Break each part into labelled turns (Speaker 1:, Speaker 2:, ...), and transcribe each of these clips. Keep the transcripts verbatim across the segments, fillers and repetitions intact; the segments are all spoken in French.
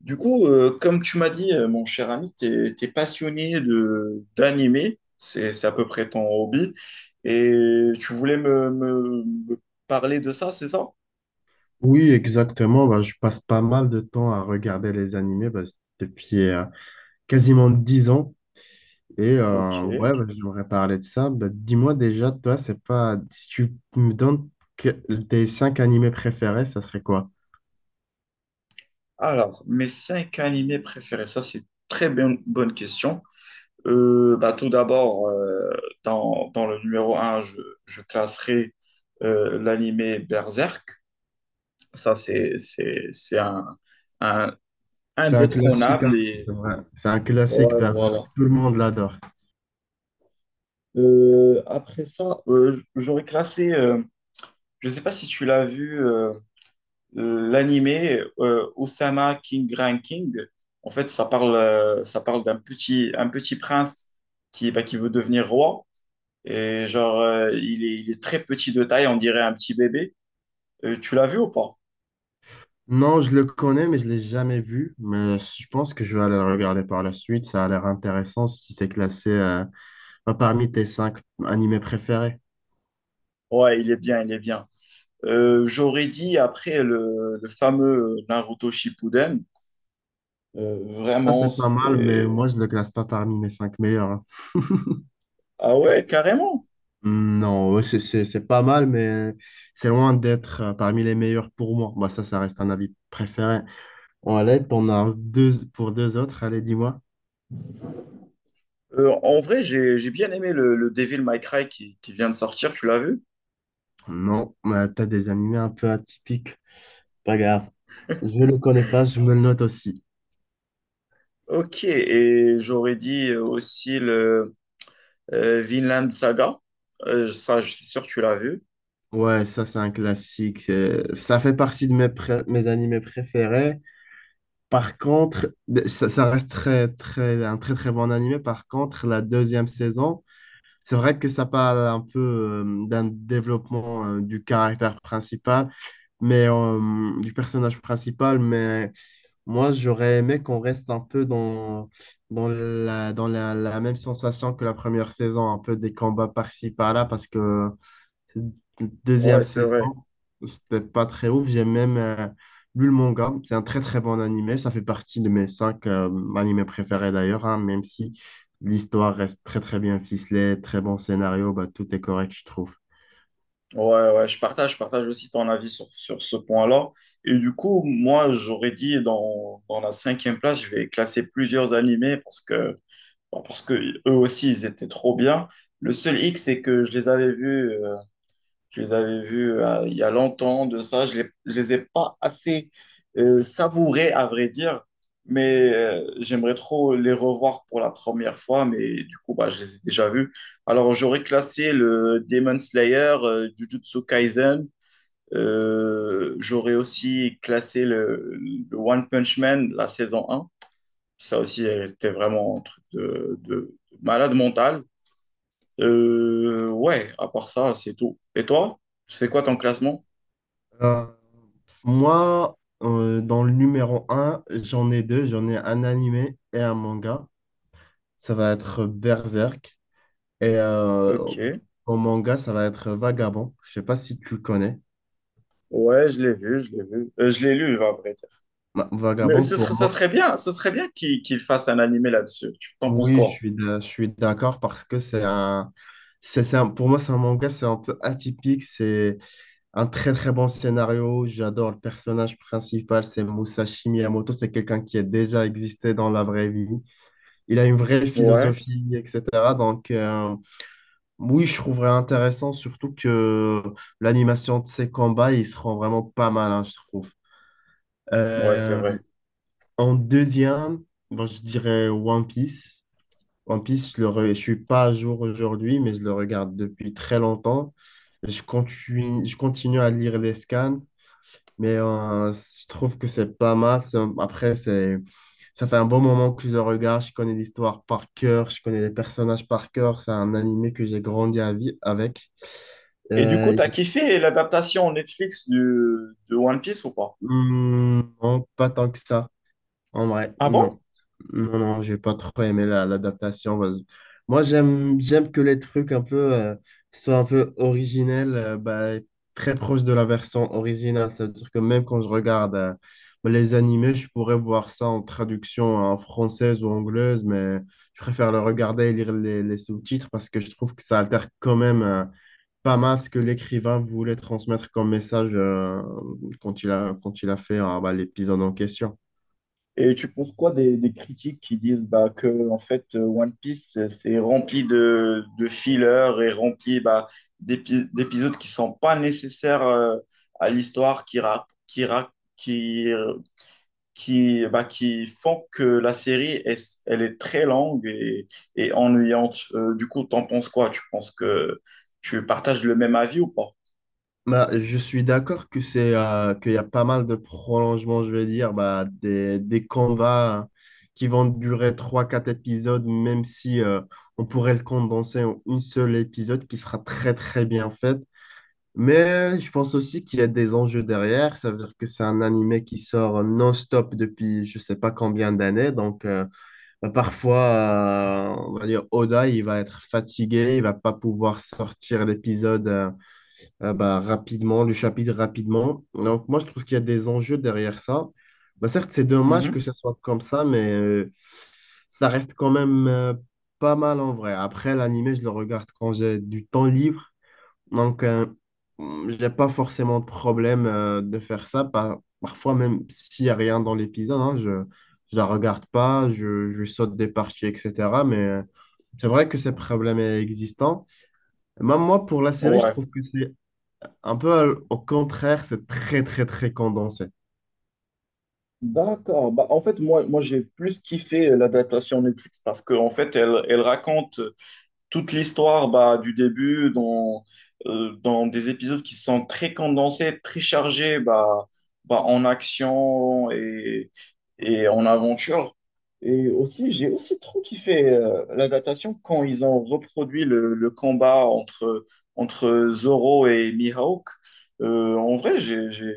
Speaker 1: Du coup, euh, comme tu m'as dit, euh, mon cher ami, t'es, t'es passionné de d'animé, c'est c'est à peu près ton hobby, et tu voulais me, me- me parler de ça, c'est ça?
Speaker 2: Oui, exactement. Bah, je passe pas mal de temps à regarder les animés bah, depuis euh, quasiment dix ans. Et euh,
Speaker 1: Ok.
Speaker 2: ouais, bah, j'aimerais parler de ça. Bah, dis-moi déjà, toi, c'est pas. Si tu me donnes que- tes cinq animés préférés, ça serait quoi?
Speaker 1: Alors, mes cinq animés préférés, ça c'est une très bonne, bonne question. Euh, bah, tout d'abord, euh, dans, dans le numéro un, je, je classerai euh, l'animé Berserk. Ça, c'est c'est- c'est un, un
Speaker 2: C'est un classique,
Speaker 1: indétrônable
Speaker 2: hein,
Speaker 1: et
Speaker 2: c'est vrai. C'est un classique,
Speaker 1: ouais,
Speaker 2: Berserk.
Speaker 1: voilà.
Speaker 2: Tout le monde l'adore.
Speaker 1: Euh, après ça, euh, j- j'aurais classé, euh, je ne sais pas si tu l'as vu, euh, euh, l'animé euh, Osama King Ranking. En fait, ça parle, euh, ça parle d'un petit, un petit prince qui, bah, qui veut devenir roi. Et genre, euh, il est, il est très petit de taille, on dirait un petit bébé. Euh, tu l'as vu ou pas?
Speaker 2: Non, je le connais, mais je l'ai jamais vu. Mais je pense que je vais aller le regarder par la suite. Ça a l'air intéressant si c'est classé euh, bah, parmi tes cinq animés préférés.
Speaker 1: Ouais, il est bien, il est bien. Euh, j'aurais dit après le, le fameux Naruto Shippuden, euh,
Speaker 2: Ça,
Speaker 1: vraiment,
Speaker 2: c'est pas mal, mais
Speaker 1: c'était...
Speaker 2: moi, je le classe pas parmi mes cinq meilleurs, hein.
Speaker 1: Ah ouais, carrément.
Speaker 2: Hmm. Non, ouais, c'est c'est- c'est pas mal, mais c'est loin d'être euh, parmi les meilleurs pour moi. Bah, ça, ça reste un avis préféré. Bon, allez, t'en as deux pour deux autres. Allez, dis-moi.
Speaker 1: Euh, en vrai, j'ai j'ai bien aimé le, le Devil May Cry qui, qui vient de sortir, tu l'as vu?
Speaker 2: Non, mais t'as des animés un peu atypiques. Pas grave. Je le connais pas, je me le note aussi.
Speaker 1: Ok, et j'aurais dit euh, aussi le euh, Vinland Saga. Euh, ça, je suis sûr que tu l'as vu.
Speaker 2: Ouais, ça, c'est un classique. euh, Ça fait partie de mes, pré- mes animés préférés. Par contre, ça, ça reste très, très, un très, très bon animé. Par contre, la deuxième saison. C'est vrai que ça parle un peu euh, d'un développement euh, du caractère principal, mais euh, du personnage principal, mais moi j'aurais aimé qu'on reste un peu dans, dans la, dans la, la même sensation que la première saison, un peu des combats par-ci par-là, parce que Deuxième
Speaker 1: Ouais, c'est vrai.
Speaker 2: saison, c'était pas très ouf. J'ai même euh, lu le manga. C'est un très très bon animé. Ça fait partie de mes cinq euh, animés préférés d'ailleurs, hein, même si l'histoire reste très très bien ficelée, très bon scénario, bah, tout est correct, je trouve.
Speaker 1: Ouais, ouais, je partage, je partage aussi ton avis sur, sur ce point-là. Et du coup, moi, j'aurais dit dans, dans la cinquième place, je vais classer plusieurs animés parce que, bah, parce que eux aussi, ils étaient trop bien. Le seul hic, c'est que je les avais vus euh, Je les avais vus euh, il y a longtemps de ça. Je les, je les ai pas assez euh, savourés, à vrai dire, mais euh, j'aimerais trop les revoir pour la première fois, mais du coup, bah, je les ai déjà vus. Alors, j'aurais classé le Demon Slayer, euh, Jujutsu Kaisen. Euh, j'aurais aussi classé le, le One Punch Man, la saison un. Ça aussi, elle était vraiment un truc de, de malade mental. Euh, ouais, à part ça, c'est tout. Et toi, c'est quoi ton classement?
Speaker 2: Euh, moi, euh, dans le numéro un, j'en ai deux. J'en ai un animé et un manga. Ça va être Berserk. Et euh,
Speaker 1: Ok.
Speaker 2: au manga, ça va être Vagabond. Je sais pas si tu le connais.
Speaker 1: Ouais, je l'ai vu, je l'ai vu. Euh, je l'ai lu, à vrai dire.
Speaker 2: Bah,
Speaker 1: Mais
Speaker 2: Vagabond,
Speaker 1: ce
Speaker 2: pour
Speaker 1: serait, ça
Speaker 2: moi.
Speaker 1: serait bien, ce serait bien qu'il qu'il fasse un animé là-dessus. Tu t'en penses
Speaker 2: Oui, je
Speaker 1: quoi?
Speaker 2: suis d'a- je suis d'accord parce que c'est un, c'est, c'est un- pour moi, c'est un manga, c'est un peu atypique. C'est un très, très bon scénario. J'adore le personnage principal, c'est Musashi Miyamoto. C'est quelqu'un qui a déjà existé dans la vraie vie. Il a une vraie
Speaker 1: Ouais,
Speaker 2: philosophie, et cetera. Donc, euh, oui, je trouverais intéressant, surtout que l'animation de ses combats, ils seront vraiment pas mal, hein, je trouve.
Speaker 1: ouais, c'est
Speaker 2: Euh,
Speaker 1: vrai.
Speaker 2: en deuxième, bon, je dirais One Piece. One Piece, je le re- je suis pas à jour aujourd'hui, mais je le regarde depuis très longtemps. Je continue, je continue à lire les scans, mais euh, je trouve que c'est pas mal. C'est un- Après, c'est, ça fait un bon moment que je le regarde. Je connais l'histoire par cœur, je connais les personnages par cœur. C'est un animé que j'ai grandi à vi- avec.
Speaker 1: Et du coup,
Speaker 2: Euh,
Speaker 1: t'as kiffé l'adaptation Netflix du, de One Piece ou pas?
Speaker 2: hum, non, pas tant que ça. En vrai,
Speaker 1: Ah bon?
Speaker 2: non. Non, non, j'ai pas trop aimé la- l'adaptation, parce- moi, j'aime, j'aime que les trucs un peu euh, soient un peu originels, euh, bah, très proches de la version originale. C'est-à-dire que même quand je regarde euh, les animés, je pourrais voir ça en traduction en française ou anglaise, mais je préfère le regarder et lire les, les sous-titres parce que je trouve que ça altère quand même euh, pas mal ce que l'écrivain voulait transmettre comme message euh, quand il a, quand il a fait euh, bah, l'épisode en question.
Speaker 1: Et tu penses quoi des, des critiques qui disent bah, que en fait euh, One Piece euh, c'est rempli de, de fillers et rempli bah, d'épi- d'épisodes qui sont pas nécessaires euh, à l'histoire qui, ra- qui, ra- qui qui, bah, qui font que la série, est, elle est très longue et, et ennuyante. Euh, du coup, t'en penses quoi? Tu penses que tu partages le même avis ou pas?
Speaker 2: Bah, je suis d'accord que c'est euh, qu'il y a pas mal de prolongements, je vais dire, bah, des, des combats qui vont durer trois quatre épisodes, même si euh, on pourrait le condenser en une seule épisode qui sera très très bien fait. Mais je pense aussi qu'il y a des enjeux derrière. Ça veut dire que c'est un animé qui sort non-stop depuis je sais pas combien d'années. Donc euh, bah, parfois, euh, on va dire Oda, il va être fatigué, il va pas pouvoir sortir l'épisode. euh, euh, bah, rapidement, le chapitre rapidement. Donc, moi, je trouve qu'il y a des enjeux derrière ça. Bah, certes, c'est dommage que
Speaker 1: Mhm.
Speaker 2: ce soit comme ça, mais euh, ça reste quand même euh, pas mal en vrai. Après, l'animé, je le regarde quand j'ai du temps libre. Donc, euh, j'ai pas forcément de problème euh, de faire ça. Par- parfois, même s'il n'y a rien dans l'épisode, hein, je je la regarde pas, je, je saute des parties, et cetera. Mais euh, c'est vrai que ces problèmes existants. Même moi, pour la série, je
Speaker 1: Ouais.
Speaker 2: trouve que c'est un peu à l- au contraire, c'est très, très, très condensé.
Speaker 1: D'accord. Bah, en fait, moi, moi j'ai plus kiffé euh, l'adaptation Netflix. Parce qu'en fait, elle, elle raconte toute l'histoire bah, du début dans, euh, dans des épisodes qui sont très condensés, très chargés bah, bah, en action et, et en aventure. Et aussi, j'ai aussi trop kiffé euh, l'adaptation quand ils ont reproduit le, le combat entre, entre Zoro et Mihawk. Euh, en vrai, j'ai, j'ai,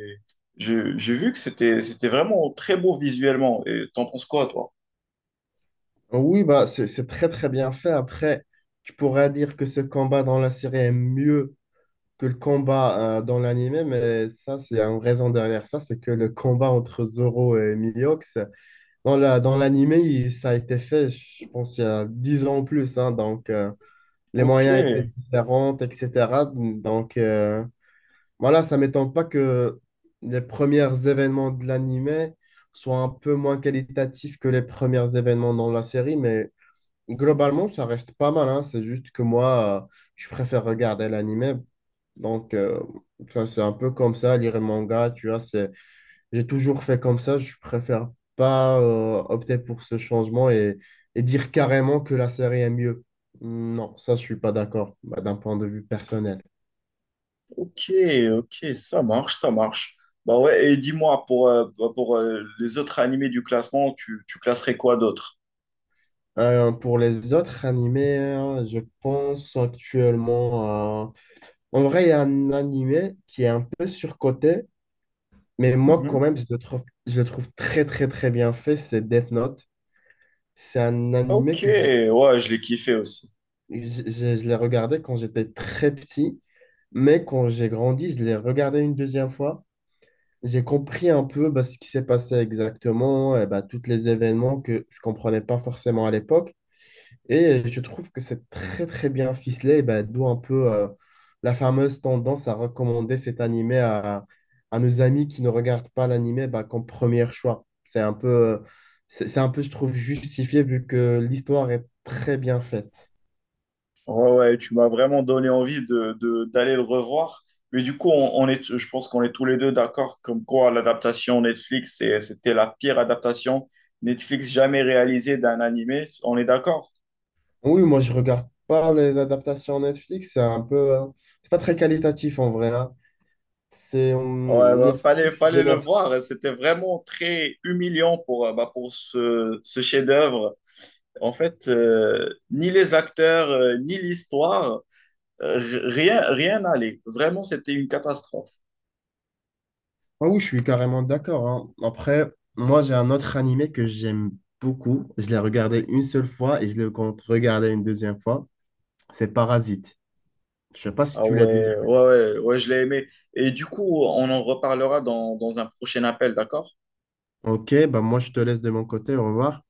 Speaker 1: j'ai j'ai vu que c'était, c'était vraiment très beau visuellement. Et t'en penses quoi, toi?
Speaker 2: Oui, bah, c'est c'est très, très bien fait. Après, tu pourrais dire que ce combat dans la série est mieux que le combat euh, dans l'anime, mais ça, c'est une raison derrière ça, c'est que le combat entre Zoro et Miliox, dans la, dans l'anime, il- ça a été fait, je pense, il y a dix ans en plus, hein. Donc, euh, les
Speaker 1: Ok.
Speaker 2: moyens étaient différents, et cetera. Donc, euh, voilà, ça m'étonne pas que les premiers événements de l'anime soient un peu moins qualitatifs que les premiers événements dans la série, mais globalement, ça reste pas mal, hein. C'est juste que moi, euh, je préfère regarder l'anime. Donc, euh, enfin, c'est un peu comme ça, lire les mangas, tu vois, c'est... j'ai toujours fait comme ça, je préfère pas euh, opter pour ce changement et, et dire carrément que la série est mieux. Non, ça, je suis pas d'accord, bah, d'un point de vue personnel.
Speaker 1: Ok, ok, ça marche, ça marche. Bah ouais, et dis-moi, pour, euh, bah, pour euh, les autres animés du classement, tu, tu classerais quoi d'autre?
Speaker 2: Euh, pour les autres animés, hein, je pense actuellement à... En vrai, il y a un animé qui est un peu surcoté, mais moi, quand
Speaker 1: Mhm.
Speaker 2: même, je le trouve, je le trouve très, très, très bien fait, c'est Death Note. C'est un animé
Speaker 1: Ok,
Speaker 2: que j'ai-
Speaker 1: ouais, je l'ai kiffé aussi.
Speaker 2: j'ai- je l'ai regardé quand j'étais très petit, mais quand j'ai grandi, je l'ai regardé une deuxième fois. J'ai compris un peu bah, ce qui s'est passé exactement, et bah, tous les événements que je comprenais pas forcément à l'époque. Et je trouve que c'est très très bien ficelé, et ben, d'où un peu euh, la fameuse tendance à recommander cet animé à, à nos amis qui ne regardent pas l'animé ben, comme premier choix. C'est un peu, euh, c'est c'est un peu, je trouve, justifié vu que l'histoire est très bien faite.
Speaker 1: Ouais, ouais, tu m'as vraiment donné envie de, de- d'aller le revoir. Mais du coup, on, on est, je pense qu'on est tous les deux d'accord comme quoi l'adaptation Netflix, c'est- c'était la pire adaptation Netflix jamais réalisée d'un animé. On est d'accord?
Speaker 2: Oui, moi je regarde pas les adaptations Netflix, c'est un peu, euh, c'est pas très qualitatif en vrai, hein. C'est,
Speaker 1: Ouais,
Speaker 2: hum,
Speaker 1: bah, fallait,
Speaker 2: Netflix,
Speaker 1: fallait
Speaker 2: bien
Speaker 1: le voir. C'était vraiment très humiliant pour, euh, bah, pour ce, ce chef-d'œuvre. En fait, euh, ni les acteurs, euh, ni l'histoire, euh, r- rien, rien n'allait. Vraiment, c'était une catastrophe.
Speaker 2: Ah oui, je suis carrément d'accord, hein. Après, moi, j'ai un autre animé que j'aime beaucoup. Je l'ai regardé une seule fois et je le compte regarder une deuxième fois. C'est Parasite. Je sais pas si
Speaker 1: Ah
Speaker 2: tu l'as déjà.
Speaker 1: ouais, ouais, ouais, ouais, je l'ai aimé. Et du coup, on en reparlera dans, dans un prochain appel, d'accord?
Speaker 2: Ok, bah moi, je te laisse de mon côté. Au revoir.